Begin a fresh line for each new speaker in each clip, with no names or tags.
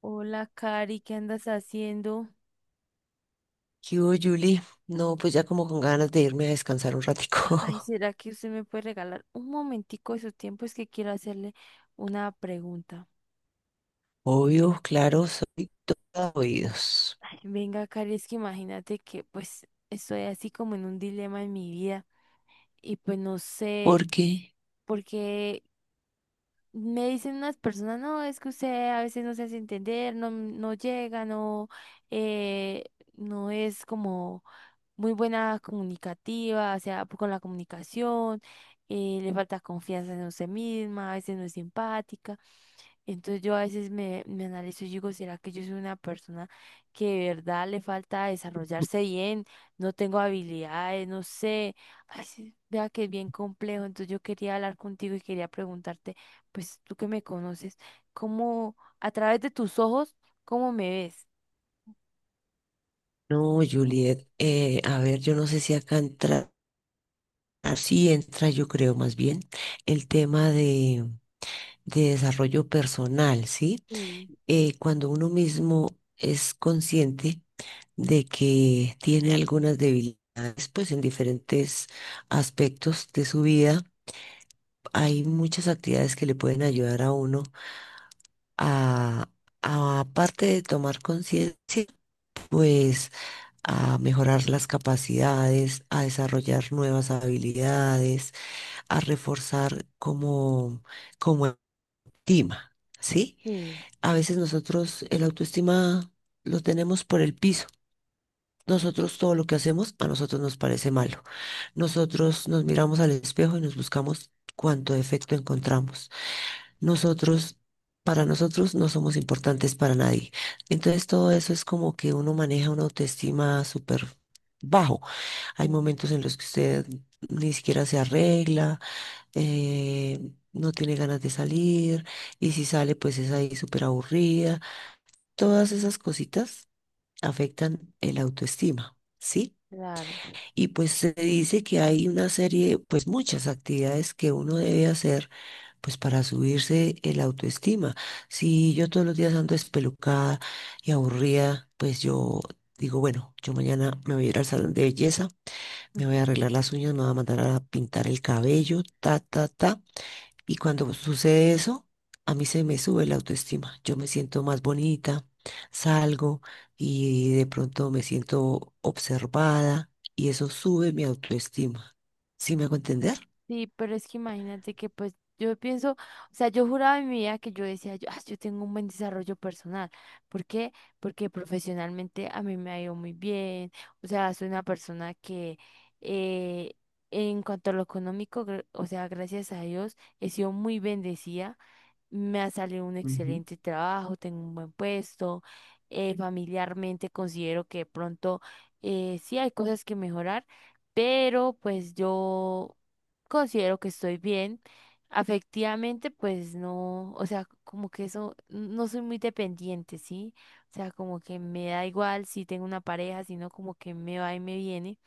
Hola, Cari, ¿qué andas haciendo?
¿Qué hubo, Julie? No, pues ya como con ganas de irme a descansar un
Ay,
ratico.
¿será que usted me puede regalar un momentico de su tiempo? Es que quiero hacerle una pregunta.
Obvio, claro, soy toda oídos.
Ay, venga, Cari, es que imagínate que pues estoy así como en un dilema en mi vida y pues no
¿Por
sé
qué?
porque me dicen unas personas, no, es que usted a veces no se hace entender, no, no llega, no, eh, no es como muy buena comunicativa, o sea, con la comunicación, le falta confianza en usted misma, a veces no es simpática. Entonces yo a veces me analizo y digo, ¿será que yo soy una persona que de verdad le falta desarrollarse bien? No tengo habilidades, no sé. Ay, sí, vea que es bien complejo. Entonces yo quería hablar contigo y quería preguntarte, pues tú que me conoces, ¿cómo, a través de tus ojos, cómo me ves?
No, Juliet, a ver, yo no sé si acá entra, así entra, yo creo más bien, el tema de desarrollo personal, ¿sí? Cuando uno mismo es consciente de que tiene algunas debilidades, pues en diferentes aspectos de su vida, hay muchas actividades que le pueden ayudar a uno a, aparte de tomar conciencia, pues a mejorar las capacidades, a desarrollar nuevas habilidades, a reforzar como autoestima, ¿sí?
Sí,
A veces nosotros el autoestima lo tenemos por el piso. Nosotros todo lo que hacemos a nosotros nos parece malo. Nosotros nos miramos al espejo y nos buscamos cuánto defecto encontramos. nosotros, para nosotros no somos importantes para nadie. Entonces todo eso es como que uno maneja una autoestima súper bajo. Hay
mm,
momentos en los que usted ni siquiera se arregla, eh, no tiene ganas de salir y si sale pues es ahí súper aburrida. Todas esas cositas afectan el autoestima. ¿Sí?
claro.
Y pues se dice que hay una serie, pues muchas actividades que uno debe hacer pues para subirse el autoestima. Si yo todos los días ando espelucada y aburrida, pues yo digo, bueno, yo mañana me voy a ir al salón de belleza, me voy a arreglar las uñas, me voy a mandar a pintar el cabello, ta, ta, ta. Y cuando sucede eso, a mí se me sube la autoestima. Yo me siento más bonita, salgo y de pronto me siento observada y eso sube mi autoestima. ¿Sí me hago entender?
Sí, pero es que imagínate que pues yo pienso, o sea, yo juraba en mi vida que yo decía, yo, "Ah, yo tengo un buen desarrollo personal. ¿Por qué? Porque profesionalmente a mí me ha ido muy bien. O sea, soy una persona que eh, en cuanto a lo económico, o sea, gracias a Dios, he sido muy bendecida, me ha salido un
Ujú,
excelente trabajo, tengo un buen puesto, familiarmente considero que de pronto sí hay cosas que mejorar, pero pues yo considero que estoy bien. Afectivamente, pues no, o sea, como que eso, no soy muy dependiente, ¿sí? O sea, como que me da igual si tengo una pareja, sino como que me va y me viene.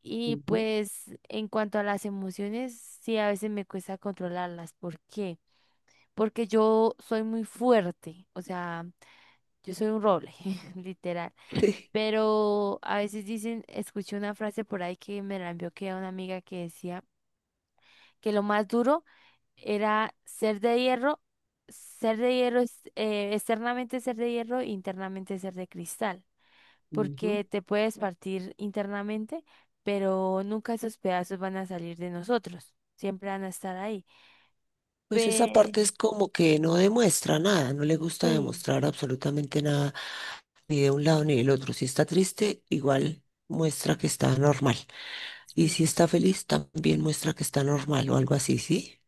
Y
ujú.
pues en cuanto a las emociones, sí, a veces me cuesta controlarlas. ¿Por qué? Porque yo soy muy fuerte, o sea, yo soy un roble, literal. Pero a veces dicen, escuché una frase por ahí que me la envió, que era una amiga que decía que lo más duro era ser de hierro, externamente ser de hierro, e internamente ser de cristal,
Ujú.
porque te puedes partir internamente, pero nunca esos pedazos van a salir de nosotros, siempre van a estar ahí.
Pues esa
Pe-
parte es como que no demuestra nada, no le gusta
sí,
demostrar absolutamente nada, ni de un lado ni del otro. Si está triste, igual muestra que está normal. Y si
sí.
está feliz, también muestra que está normal o algo así, ¿sí?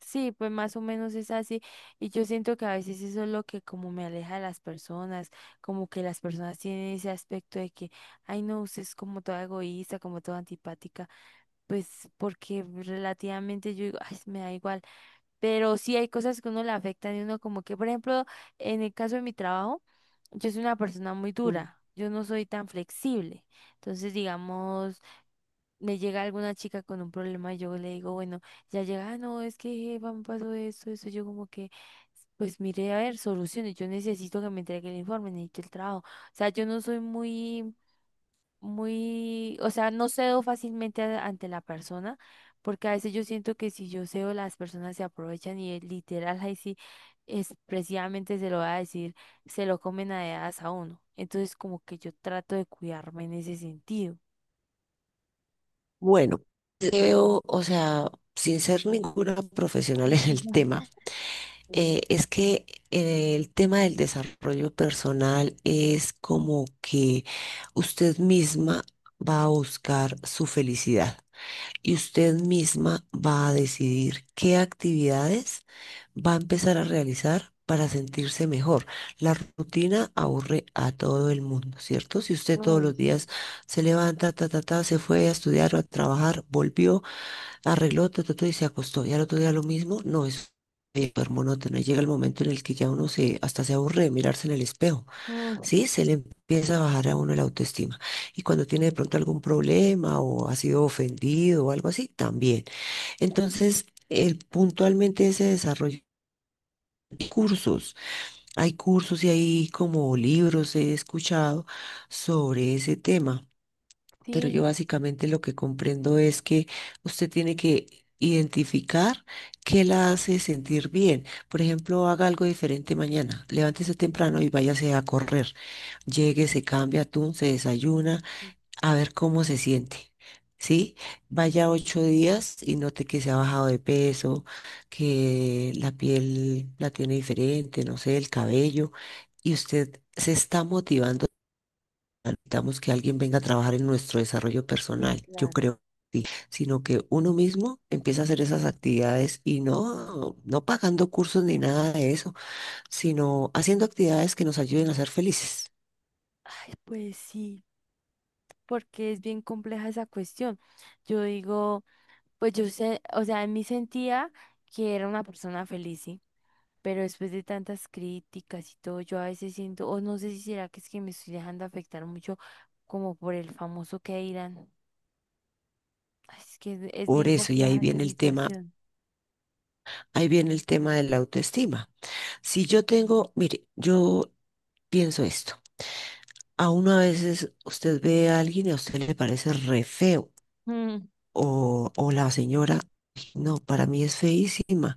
Sí, pues más o menos es así. Y yo siento que a veces eso es lo que como me aleja de las personas, como que las personas tienen ese aspecto de que, ay no, usted es como toda egoísta, como toda antipática, pues porque relativamente yo digo, ay, me da igual. Pero sí hay cosas que uno le afectan y uno como que, por ejemplo, en el caso de mi trabajo, yo soy una persona muy
Mm.
dura, yo no soy tan flexible. Entonces, digamos me llega alguna chica con un problema y yo le digo, bueno, ya llega, "Ah, no, es que jefa, me pasó esto, eso", yo como que, pues mire, a ver, soluciones, yo necesito que me entregue el informe, necesito el trabajo. O sea, yo no soy muy, muy, o sea, no cedo fácilmente ante la persona, porque a veces yo siento que si yo cedo, las personas se aprovechan y literal, ahí sí, expresivamente se lo va a decir, se lo comen a dedazo a uno. Entonces, como que yo trato de cuidarme en ese sentido.
Bueno, creo, o sea, sin ser ninguna profesional en el tema. Es que El tema del desarrollo personal es como que usted misma va a buscar su felicidad y usted misma va a decidir qué actividades va a empezar a realizar para sentirse mejor. La rutina aburre a todo el mundo, ¿cierto? Si usted todos
Ay,
los
sí.
días se levanta, ta, ta, ta, se fue a estudiar o a trabajar, volvió arregló, todo y se acostó. Y al otro día lo mismo, no es súper monótono. Y llega el momento en el que ya uno se, hasta se aburre de mirarse en el espejo,
Mm,
¿sí? Se le empieza a bajar a uno la autoestima. Y cuando tiene de pronto algún problema o ha sido ofendido o algo así, también. Entonces, el, puntualmente ese desarrollo. De cursos, hay cursos y hay como libros he escuchado sobre ese tema. Pero yo
sí,
básicamente lo que comprendo es que usted tiene que identificar qué la hace sentir bien. Por ejemplo, haga algo diferente mañana. Levántese temprano y váyase a correr. Llegue, se cambia, atún, se desayuna, a ver cómo se siente. ¿Sí? Vaya 8 días y note que se ha bajado de peso, que la piel la tiene diferente, no sé, el cabello, y usted se está motivando necesitamos que alguien venga a trabajar en nuestro desarrollo
sí,
personal, yo
claro.
creo, que sí, sino que uno mismo empieza a hacer esas actividades y no pagando cursos ni nada de eso, sino haciendo actividades que nos ayuden a ser felices.
Ay, pues sí, porque es bien compleja esa cuestión. Yo digo, pues yo sé, o sea, en mí sentía que era una persona feliz, sí, pero después de tantas críticas y todo, yo a veces siento, o no sé si será que es que me estoy dejando afectar mucho como por el famoso que dirán. Ay, es que es
Por
bien
eso, y ahí
compleja esa
viene el tema,
situación.
ahí viene el tema de la autoestima. Si yo tengo, mire, yo pienso esto. A uno a veces usted ve a alguien y a usted le parece re feo.
Mm,
O la señora, no, para mí es feísima.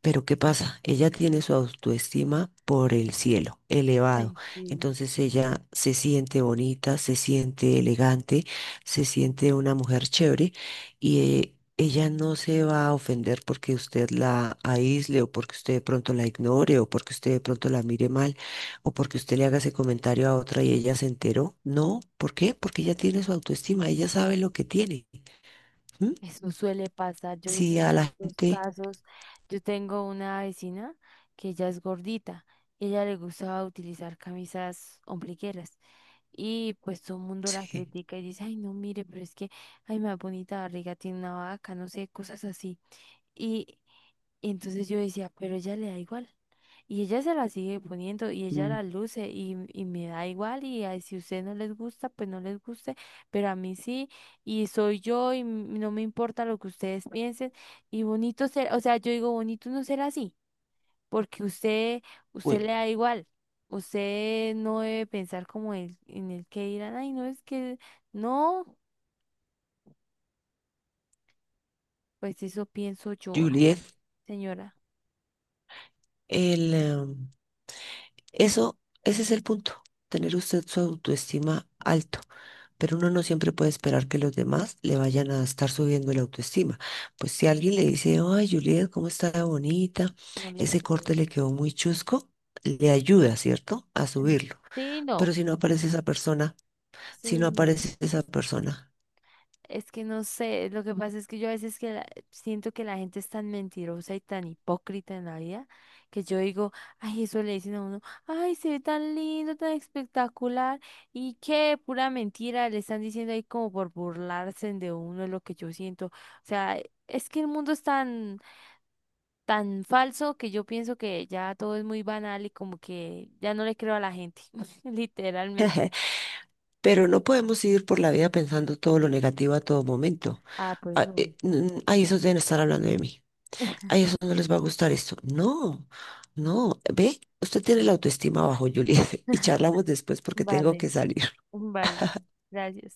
Pero ¿qué pasa? Ella tiene su autoestima por el cielo, elevado.
ay, sí.
Entonces ella se siente bonita, se siente elegante, se siente una mujer chévere y ella no se va a ofender porque usted la aísle o porque usted de pronto la ignore o porque usted de pronto la mire mal o porque usted le haga ese comentario a otra y ella se enteró. No, ¿por qué? Porque ella tiene su autoestima, ella sabe lo que tiene. ¿Mm?
Eso suele pasar, yo he
Si
visto
a la
tantos
gente...
casos. Yo tengo una vecina que ella es gordita y a ella le gustaba utilizar camisas ombligueras y pues todo el mundo la
Sí.
critica y dice, ay no, mire, pero es que, ay, más bonita barriga tiene una vaca, no sé, cosas así. Y entonces yo decía, pero ella le da igual. Y ella se la sigue poniendo y ella
Mm.
la luce y me da igual y ay, si a usted no les gusta, pues no les guste, pero a mí sí, y soy yo y no me importa lo que ustedes piensen, y bonito ser, o sea, yo digo bonito no ser así, porque usted, usted le
Bueno,
da igual, usted no debe pensar como el, en el que dirán, ay, no es que, no, pues eso pienso yo. Ay,
Juliet.
señora,
El, em, Ese es el punto, tener usted su autoestima alto, pero uno no siempre puede esperar que los demás le vayan a estar subiendo la autoestima. Pues si alguien le dice, ay, Juliet, ¿cómo está de bonita?
no le
Ese
creo.
corte le quedó muy chusco, le ayuda, ¿cierto? A
En-
subirlo.
Sí, no.
Pero si no aparece esa persona, si
Sí,
no
no.
aparece esa persona.
Es que no sé, lo que pasa es que yo a veces que siento que la gente es tan mentirosa y tan hipócrita en la vida que yo digo, ay, eso le dicen a uno, ay, se ve tan lindo, tan espectacular y qué pura mentira, le están diciendo ahí como por burlarse de uno, es lo que yo siento. O sea, es que el mundo es tan, tan falso que yo pienso que ya todo es muy banal y como que ya no le creo a la gente, literalmente.
Pero no podemos ir por la vida pensando todo lo negativo a todo momento.
Ah, pues no.
Ahí eso deben estar hablando de mí. A eso no les va a gustar esto. No, no, ve, usted tiene la autoestima bajo, Juliet, y charlamos después porque tengo
Vale.
que salir.
Vale, gracias.